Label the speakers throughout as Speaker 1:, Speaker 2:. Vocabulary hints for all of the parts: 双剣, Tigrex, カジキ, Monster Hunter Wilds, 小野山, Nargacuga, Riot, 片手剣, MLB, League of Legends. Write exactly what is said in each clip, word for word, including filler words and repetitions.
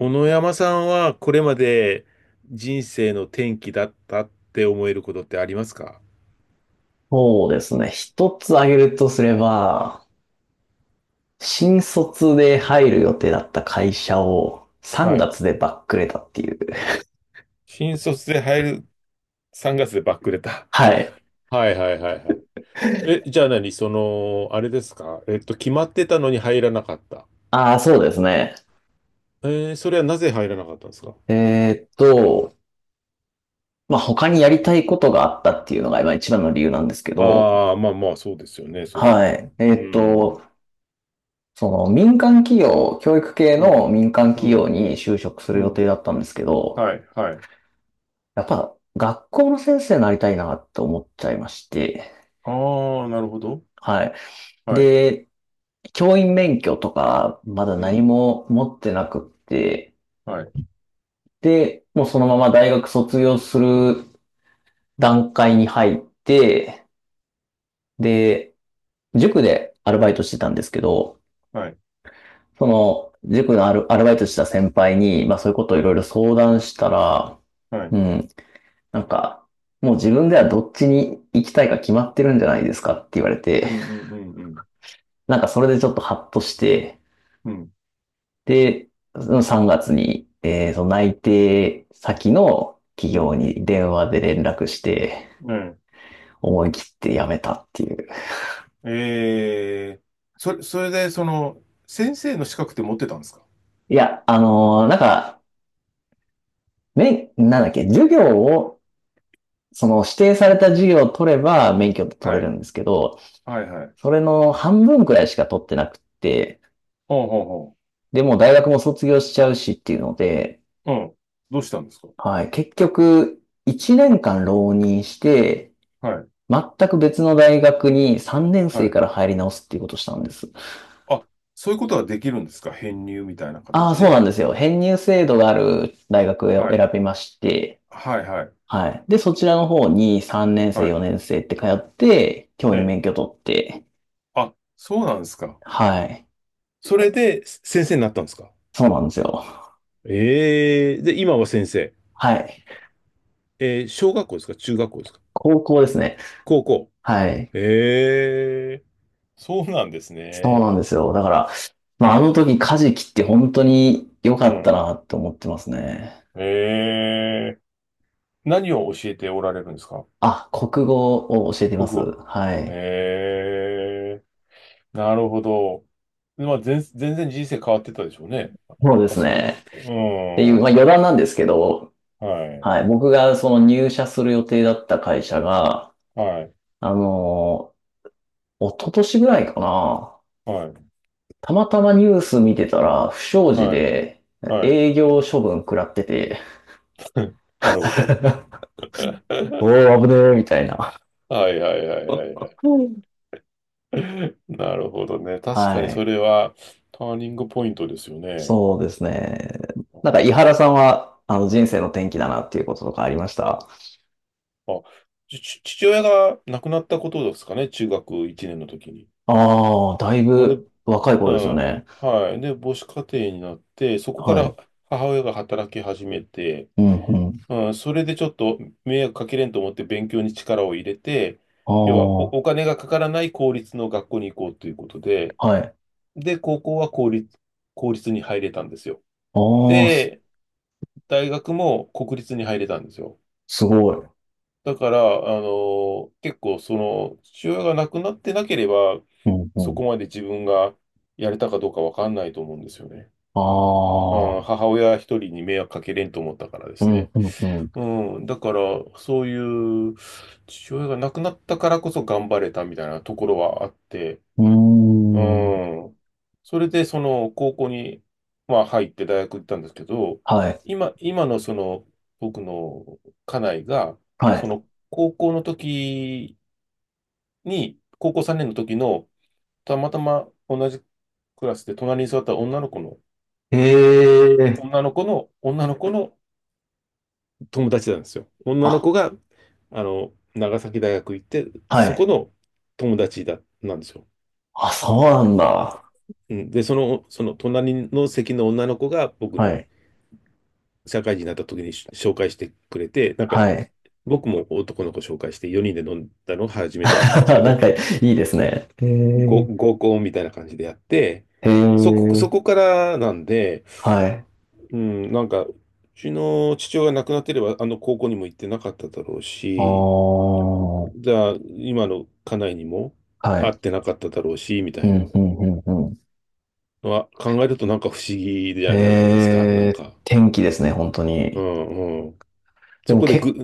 Speaker 1: 小野山さんはこれまで人生の転機だったって思えることってありますか？
Speaker 2: そうですね。一つ挙げるとすれば、新卒で入る予定だった会社を3
Speaker 1: はい。
Speaker 2: 月でバックれたっていう。
Speaker 1: 新卒で入る、さんがつでバックレた。
Speaker 2: はい。
Speaker 1: はいはいはいはい。え、じゃあ何、その、あれですか、えっと、決まってたのに入らなかった。
Speaker 2: ああ、そうですね。
Speaker 1: えーそれはなぜ入らなかったんですか？
Speaker 2: えーっと、まあ、他にやりたいことがあったっていうのが今一番の理由なんですけど、
Speaker 1: ああー、まあまあ、そうですよね、そりゃ。
Speaker 2: はい。え
Speaker 1: う
Speaker 2: ーっと、
Speaker 1: ん。
Speaker 2: その民間企業、教育系
Speaker 1: う
Speaker 2: の
Speaker 1: ん、
Speaker 2: 民間
Speaker 1: う
Speaker 2: 企業
Speaker 1: ん、
Speaker 2: に就職す
Speaker 1: う
Speaker 2: る予
Speaker 1: ん。
Speaker 2: 定だったんですけど、
Speaker 1: はい、はい。
Speaker 2: やっぱ学校の先生になりたいなって思っちゃいまして、
Speaker 1: ああ、なるほど。
Speaker 2: はい。
Speaker 1: はい。
Speaker 2: で、教員免許とか、まだ
Speaker 1: う
Speaker 2: 何
Speaker 1: ん。
Speaker 2: も持ってなくって、
Speaker 1: はい、
Speaker 2: で、もうそのまま大学卒業する段階に入って、で、塾でアルバイトしてたんですけど、
Speaker 1: はい、
Speaker 2: その、塾のアル、アルバイトした先輩に、まあそういうことをい
Speaker 1: は
Speaker 2: ろい
Speaker 1: い。
Speaker 2: ろ相談したら、
Speaker 1: はい。
Speaker 2: うん、なんか、もう自分ではどっちに行きたいか決まってるんじゃないですかって言われて、
Speaker 1: うん、うん、うん、うん。
Speaker 2: なんかそれでちょっとハッとして、
Speaker 1: うん
Speaker 2: で、そのさんがつに、えーその内定先の企
Speaker 1: う
Speaker 2: 業
Speaker 1: ん。
Speaker 2: に電話で連絡して、
Speaker 1: ね。
Speaker 2: 思い切って辞めたっていう。
Speaker 1: ええー、それ、それで、その、先生の資格って持ってたんですか？
Speaker 2: いや、あのーなんか、め、なんだっけ、授業を、その指定された授業を取れば免許って取
Speaker 1: は
Speaker 2: れる
Speaker 1: い。
Speaker 2: んですけど、
Speaker 1: はいはい。
Speaker 2: それの半分くらいしか取ってなくて、
Speaker 1: ほうほうほ
Speaker 2: でもう大学も卒業しちゃうしっていうので、
Speaker 1: う。うん。どうしたんですか？
Speaker 2: はい、結局、いちねんかん浪人して、
Speaker 1: はい。
Speaker 2: 全く別の大学にさんねん
Speaker 1: は
Speaker 2: 生
Speaker 1: い。
Speaker 2: から入り直すっていうことをしたんです。
Speaker 1: あ、そういうことはできるんですか？編入みたいな
Speaker 2: ああ、
Speaker 1: 形
Speaker 2: そう
Speaker 1: で。
Speaker 2: なんですよ。編入制度がある大学を
Speaker 1: はい。
Speaker 2: 選びまして、
Speaker 1: はいはい。
Speaker 2: はい。で、そちらの方にさんねん生、
Speaker 1: はい。
Speaker 2: よねん生って通って、教
Speaker 1: え
Speaker 2: 員
Speaker 1: え。
Speaker 2: 免許取って、
Speaker 1: あ、そうなんですか。
Speaker 2: はい。
Speaker 1: それで先生になったんですか？
Speaker 2: そうなんですよ。
Speaker 1: ええ、で、今は先生。
Speaker 2: はい。
Speaker 1: えー、小学校ですか、中学校ですか？
Speaker 2: 高校ですね。
Speaker 1: 高校。
Speaker 2: はい。
Speaker 1: ええ、そうなんです
Speaker 2: そう
Speaker 1: ね。
Speaker 2: なんですよ。だから、
Speaker 1: え
Speaker 2: まあ、あの
Speaker 1: え。
Speaker 2: 時、カジキって本当に良かった
Speaker 1: え
Speaker 2: なって思ってますね。
Speaker 1: ええ、何を教えておられるんですか？
Speaker 2: あ、国語を教えていま
Speaker 1: 国
Speaker 2: す。
Speaker 1: 語。
Speaker 2: はい。
Speaker 1: ええ、なるほど。まあ、全、全然人生変わってたでしょうね。
Speaker 2: そうで
Speaker 1: あ
Speaker 2: す
Speaker 1: そこで。
Speaker 2: ね。
Speaker 1: う
Speaker 2: っていう、まあ余談なんですけど、
Speaker 1: ん。はい。
Speaker 2: はい、僕がその入社する予定だった会社が、
Speaker 1: はい。
Speaker 2: あのー、一昨年ぐらいかな、
Speaker 1: はい。
Speaker 2: たまたまニュース見てたら、不祥事
Speaker 1: はい。
Speaker 2: で
Speaker 1: はい。
Speaker 2: 営業処分食らってて、
Speaker 1: なるほど。
Speaker 2: おー、危ねえ、みたいな。
Speaker 1: はいはいはいはいはい。
Speaker 2: うん。
Speaker 1: なるほどね。確か
Speaker 2: は
Speaker 1: にそ
Speaker 2: い。
Speaker 1: れはターニングポイントですよね。
Speaker 2: そうですね。
Speaker 1: う
Speaker 2: なん
Speaker 1: ん。
Speaker 2: か、井原さんは、あの、人生の転機だなっていうこととかありました？
Speaker 1: あ、ち、ち父親が亡くなったことですかね。中学いちねんの時に。
Speaker 2: ああ、だい
Speaker 1: なんで、
Speaker 2: ぶ若い
Speaker 1: う
Speaker 2: 頃ですよ
Speaker 1: ん。
Speaker 2: ね。
Speaker 1: はい。で、母子家庭になって、そこか
Speaker 2: は
Speaker 1: ら
Speaker 2: い。
Speaker 1: 母親が働き始めて、
Speaker 2: うん、うん。
Speaker 1: うん、それでちょっと迷惑かけれんと思って勉強に力を入れて、要はお、
Speaker 2: あ
Speaker 1: お金がかからない公立の学校に行こうということで、
Speaker 2: あ、はい。
Speaker 1: で、高校は公立、公立に入れたんですよ。
Speaker 2: ああ、
Speaker 1: で、大学も国立に入れたんですよ。
Speaker 2: すごい。
Speaker 1: だから、あの、結構その、父親が亡くなってなければ、
Speaker 2: うんう
Speaker 1: そ
Speaker 2: ん。
Speaker 1: こまで自分がやれたかどうかわかんないと思うんですよね。
Speaker 2: あ
Speaker 1: あ
Speaker 2: あ、
Speaker 1: ー、母親一人に迷惑かけれんと思ったからで
Speaker 2: うん
Speaker 1: すね。
Speaker 2: うんうん。
Speaker 1: うん、だから、そういう、父親が亡くなったからこそ頑張れたみたいなところはあって、
Speaker 2: うー
Speaker 1: う
Speaker 2: ん。
Speaker 1: ん、それでその高校に、まあ、入って大学行ったんですけど、
Speaker 2: はい。
Speaker 1: 今、今のその僕の家内が、
Speaker 2: は
Speaker 1: そ
Speaker 2: い。
Speaker 1: の高校の時に、高校さんねんの時の、たまたま同じクラスで隣に座った女の子の、
Speaker 2: へえ。
Speaker 1: 女の子の、女の子の友達なんですよ。女の
Speaker 2: あ、
Speaker 1: 子が、あの、長崎大学行って、
Speaker 2: は
Speaker 1: そ
Speaker 2: い。
Speaker 1: この友達だ、なんですよ。
Speaker 2: あ、そうなんだ。
Speaker 1: うん、で、その、その隣の席の女の子が僕
Speaker 2: は
Speaker 1: に
Speaker 2: い。
Speaker 1: 社会人になった時にし紹介してくれて、なんか、
Speaker 2: はい。
Speaker 1: 僕も男の子紹介してよにんで飲んだのが初めてだったん ですけ
Speaker 2: なん
Speaker 1: ど、
Speaker 2: かいいですね。へ
Speaker 1: ご
Speaker 2: え。
Speaker 1: 合コンみたいな感じでやって、
Speaker 2: へ
Speaker 1: そこ、
Speaker 2: え。
Speaker 1: そこからなんで、
Speaker 2: はい。
Speaker 1: うん、なんか、うちの父親が亡くなってれば、あの高校にも行ってなかっただろう
Speaker 2: ああ、
Speaker 1: し、
Speaker 2: は
Speaker 1: じゃあ、今の家内にも会っ
Speaker 2: い。
Speaker 1: てなかっただろうし、みた
Speaker 2: う
Speaker 1: いな
Speaker 2: ん、うんうんうん。
Speaker 1: のは考えるとなんか不思議じ
Speaker 2: へ
Speaker 1: ゃじゃないですか。なん
Speaker 2: え、
Speaker 1: か、
Speaker 2: 天気ですね、本当
Speaker 1: う
Speaker 2: に。
Speaker 1: んうん。
Speaker 2: で
Speaker 1: そ
Speaker 2: も
Speaker 1: こでぐ、
Speaker 2: け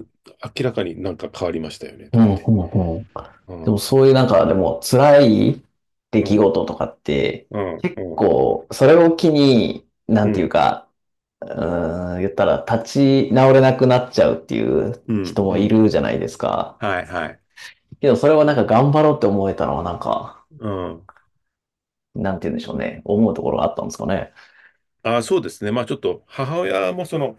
Speaker 1: 明らかになんか変わりましたよね、
Speaker 2: う
Speaker 1: だ
Speaker 2: ん、
Speaker 1: って。
Speaker 2: うんん。
Speaker 1: う
Speaker 2: でも
Speaker 1: ん、
Speaker 2: そういうなんか、でも辛い出
Speaker 1: う
Speaker 2: 来
Speaker 1: ん、
Speaker 2: 事とかって、
Speaker 1: うん、
Speaker 2: 結
Speaker 1: うん、
Speaker 2: 構、それを機に、な
Speaker 1: う
Speaker 2: んていう
Speaker 1: ん、
Speaker 2: か、うーん、言ったら立ち直れなくなっちゃうっていう
Speaker 1: うん、
Speaker 2: 人
Speaker 1: う
Speaker 2: もい
Speaker 1: ん。
Speaker 2: るじゃないですか。
Speaker 1: はい、はい。
Speaker 2: けどそれをなんか頑張ろうって思えたのはなんか、
Speaker 1: うん。
Speaker 2: なんて言うんでしょうね。思うところがあったんですかね。
Speaker 1: ああ、そうですね。まあちょっと、母親もその、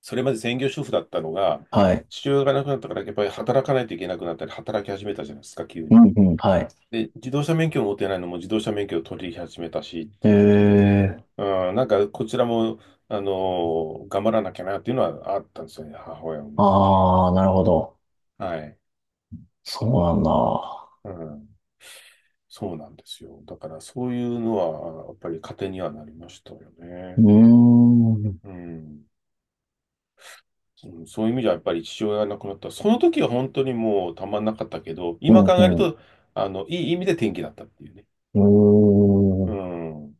Speaker 1: それまで専業主婦だったのが、
Speaker 2: はい。
Speaker 1: 父親が亡くなったから、やっぱり働かないといけなくなったり、働き始めたじゃないですか、急
Speaker 2: う
Speaker 1: に。
Speaker 2: んうん、はい。
Speaker 1: で、自動車免許を持ってないのも自動車免許を取り始めたしっ
Speaker 2: へ
Speaker 1: ていうことで、
Speaker 2: え。
Speaker 1: うん、なんかこちらも、あの、頑張らなきゃなっていうのはあったんですよね、母親を見てて。
Speaker 2: ああ、なるほど。
Speaker 1: はい。
Speaker 2: そうなんだ。
Speaker 1: うん、そうなんですよ。だからそういうのは、やっぱり糧にはなりましたよ
Speaker 2: うー
Speaker 1: ね。
Speaker 2: ん。うん
Speaker 1: うん。うん、そういう意味じゃやっぱり父親が亡くなった。その時は本当にもうたまんなかったけど、
Speaker 2: う
Speaker 1: 今考える
Speaker 2: ん。
Speaker 1: と、あの、いい意味で転機だったっていうね。
Speaker 2: うー
Speaker 1: う
Speaker 2: ん。
Speaker 1: ん。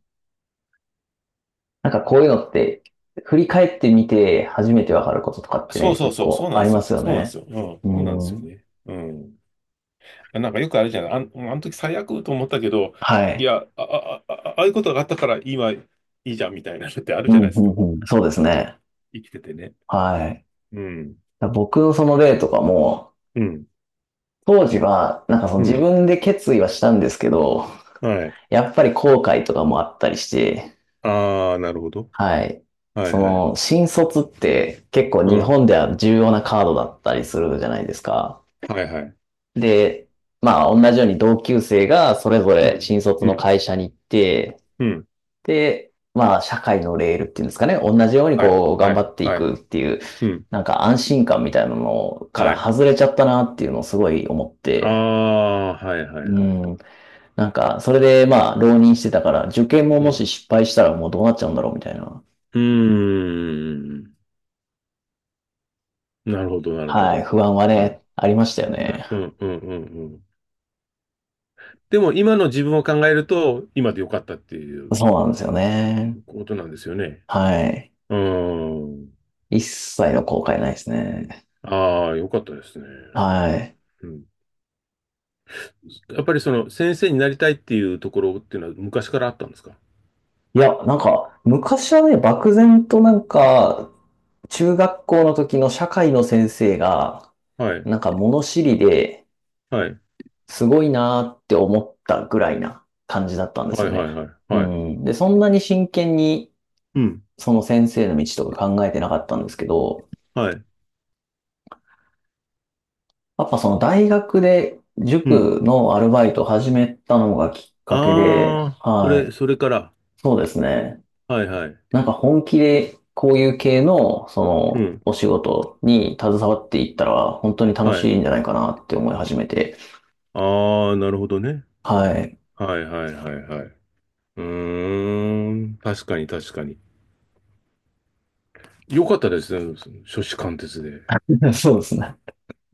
Speaker 2: なんかこういうのって、振り返ってみて初めてわかることとかって
Speaker 1: そう
Speaker 2: ね、
Speaker 1: そう
Speaker 2: 結
Speaker 1: そう、そう
Speaker 2: 構
Speaker 1: な
Speaker 2: あ
Speaker 1: ん
Speaker 2: り
Speaker 1: です
Speaker 2: ま
Speaker 1: よ。
Speaker 2: すよ
Speaker 1: そうなんで
Speaker 2: ね。
Speaker 1: すよ。うん。
Speaker 2: う
Speaker 1: そうなんですよ
Speaker 2: ん。
Speaker 1: ね。うん。なんかよくあるじゃない。あん、あの時最悪と思ったけど、
Speaker 2: は
Speaker 1: い
Speaker 2: い。
Speaker 1: や、あ、あ、あ、あああいうことがあったから今いいじゃんみたいなのってある
Speaker 2: う
Speaker 1: じゃない
Speaker 2: ん、
Speaker 1: で
Speaker 2: う
Speaker 1: すか。
Speaker 2: ん、うん。そうですね。
Speaker 1: 生きててね。
Speaker 2: はい。
Speaker 1: うん。
Speaker 2: だ僕のその例とかも、
Speaker 1: うん。
Speaker 2: 当時は、なんかその
Speaker 1: う
Speaker 2: 自
Speaker 1: ん。
Speaker 2: 分で決意はしたんですけど、
Speaker 1: はい。
Speaker 2: やっぱり後悔とかもあったりして、
Speaker 1: ああ、なるほど。
Speaker 2: はい。
Speaker 1: はい
Speaker 2: そ
Speaker 1: はい。
Speaker 2: の、新卒って結構
Speaker 1: う
Speaker 2: 日
Speaker 1: ん。
Speaker 2: 本では重要なカードだったりするじゃないですか。
Speaker 1: はいはい。
Speaker 2: で、まあ同じように同級生がそれぞ
Speaker 1: う
Speaker 2: れ
Speaker 1: ん。
Speaker 2: 新卒
Speaker 1: う
Speaker 2: の
Speaker 1: ん。
Speaker 2: 会社に行って、
Speaker 1: うん。
Speaker 2: で、まあ、社会のレールっていうんですかね、同じように
Speaker 1: はい。
Speaker 2: こう、頑
Speaker 1: は
Speaker 2: 張
Speaker 1: い。
Speaker 2: ってい
Speaker 1: は
Speaker 2: く
Speaker 1: い。
Speaker 2: っていう、
Speaker 1: うん。
Speaker 2: なんか安心感みたいなのか
Speaker 1: は
Speaker 2: ら
Speaker 1: い。
Speaker 2: 外れちゃったなっていうのをすごい思っ
Speaker 1: あ
Speaker 2: て、
Speaker 1: あ、はいはい
Speaker 2: う
Speaker 1: はい。
Speaker 2: ん、なんか、それでまあ、浪人してたから、受験も
Speaker 1: う
Speaker 2: もし
Speaker 1: ん。
Speaker 2: 失敗したらもうどうなっちゃうんだろうみたいな、
Speaker 1: うーん。なるほど、なるほ
Speaker 2: はい、
Speaker 1: ど。
Speaker 2: 不安は
Speaker 1: はい。う
Speaker 2: ね、
Speaker 1: ん、
Speaker 2: ありましたよね。
Speaker 1: うん、うん、うん。でも今の自分を考えると、今でよかったっていう
Speaker 2: そうなんですよね。
Speaker 1: ことなんですよね。
Speaker 2: はい。
Speaker 1: うーん。
Speaker 2: 一切の後悔ないですね。
Speaker 1: ああ、よかったですね。
Speaker 2: はい。
Speaker 1: うん。やっぱりその先生になりたいっていうところっていうのは昔からあったんですか？
Speaker 2: いや、なんか、昔はね、漠然となんか、中学校の時の社会の先生が、
Speaker 1: はい。
Speaker 2: なんか物知りで
Speaker 1: はい。
Speaker 2: すごいなーって思ったぐらいな感じだったんです
Speaker 1: はい
Speaker 2: よね。
Speaker 1: はいはい。
Speaker 2: う
Speaker 1: はい。
Speaker 2: ん。で、そんなに真剣に
Speaker 1: うん。
Speaker 2: その先生の道とか考えてなかったんですけど、
Speaker 1: はい。
Speaker 2: やっぱその大学で
Speaker 1: うん。
Speaker 2: 塾のアルバイトを始めたのがきっかけで、
Speaker 1: ああ、そ
Speaker 2: は
Speaker 1: れ、
Speaker 2: い。
Speaker 1: それから。
Speaker 2: そうですね。
Speaker 1: はいはい。
Speaker 2: なんか本気でこういう系のそ
Speaker 1: う
Speaker 2: の
Speaker 1: ん。
Speaker 2: お仕事に携わっていったら本当に楽
Speaker 1: は
Speaker 2: し
Speaker 1: い。
Speaker 2: いんじゃないかなって思い始めて、
Speaker 1: ああ、なるほどね。
Speaker 2: はい。
Speaker 1: はいはいはいはい。うーん。確かに確かに。よかったですね。その初志貫徹で。
Speaker 2: そうですね。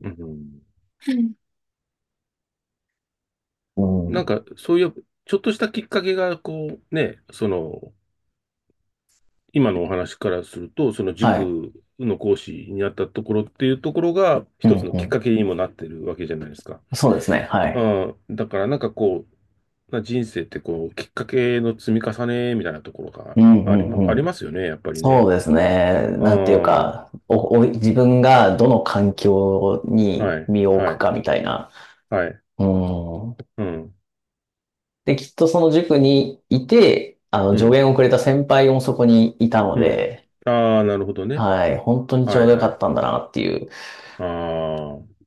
Speaker 1: うん。
Speaker 2: はい。う
Speaker 1: なん
Speaker 2: ん。
Speaker 1: か、そういう、ちょっとしたきっかけが、こう、ね、その、今のお話からすると、その
Speaker 2: はい。
Speaker 1: 塾の講師になったところっていうところが、
Speaker 2: う
Speaker 1: 一
Speaker 2: ん
Speaker 1: つの
Speaker 2: う
Speaker 1: きっ
Speaker 2: ん。
Speaker 1: かけにもなってるわけじゃないですか。
Speaker 2: そうですね。はい。
Speaker 1: ああ、だからなんかこう、な人生ってこう、きっかけの積み重ねみたいなところ
Speaker 2: う
Speaker 1: が
Speaker 2: んう
Speaker 1: ありま、あ
Speaker 2: んう
Speaker 1: り
Speaker 2: ん。
Speaker 1: ますよね、やっぱり
Speaker 2: そ
Speaker 1: ね。
Speaker 2: うですね。
Speaker 1: ああ、
Speaker 2: なんていう
Speaker 1: は
Speaker 2: か、お、お、自分がどの環境
Speaker 1: い、
Speaker 2: に身を置
Speaker 1: は
Speaker 2: くかみ
Speaker 1: い、
Speaker 2: たいな。
Speaker 1: はい、
Speaker 2: うん。
Speaker 1: うん、
Speaker 2: で、きっとその塾にいて、あの、
Speaker 1: う
Speaker 2: 助
Speaker 1: ん、
Speaker 2: 言をくれた先輩もそこにいたの
Speaker 1: うん。
Speaker 2: で、
Speaker 1: ああ、なるほどね。
Speaker 2: はい。本当にち
Speaker 1: は
Speaker 2: ょう
Speaker 1: い、
Speaker 2: どよ
Speaker 1: は
Speaker 2: かっ
Speaker 1: い。
Speaker 2: たんだなっていう、
Speaker 1: ああ、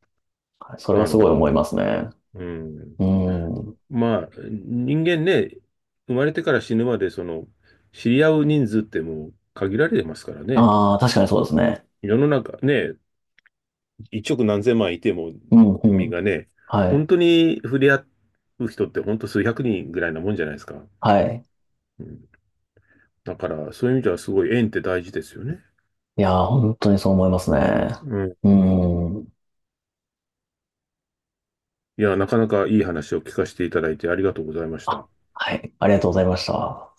Speaker 2: それは
Speaker 1: なる
Speaker 2: すご
Speaker 1: ほ
Speaker 2: い
Speaker 1: ど。
Speaker 2: 思いますね。
Speaker 1: うん。
Speaker 2: うん。
Speaker 1: まあ、人間ね、生まれてから死ぬまで、その、知り合う人数ってもう限られてますからね。
Speaker 2: ああ、確かにそうですね。
Speaker 1: 世の中ね、一億何千万いても
Speaker 2: うん
Speaker 1: 国
Speaker 2: う
Speaker 1: 民
Speaker 2: ん。
Speaker 1: がね、
Speaker 2: は
Speaker 1: 本
Speaker 2: い。
Speaker 1: 当に触れ合う人って本当数百人ぐらいなもんじゃないですか。
Speaker 2: はい。
Speaker 1: うん、だから、そういう意味ではすごい縁って大事ですよね。
Speaker 2: いやー、本当にそう思いますね。
Speaker 1: うん。
Speaker 2: うん。
Speaker 1: いや、なかなかいい話を聞かせていただいてありがとうございまし
Speaker 2: あ、
Speaker 1: た。
Speaker 2: はい。ありがとうございました。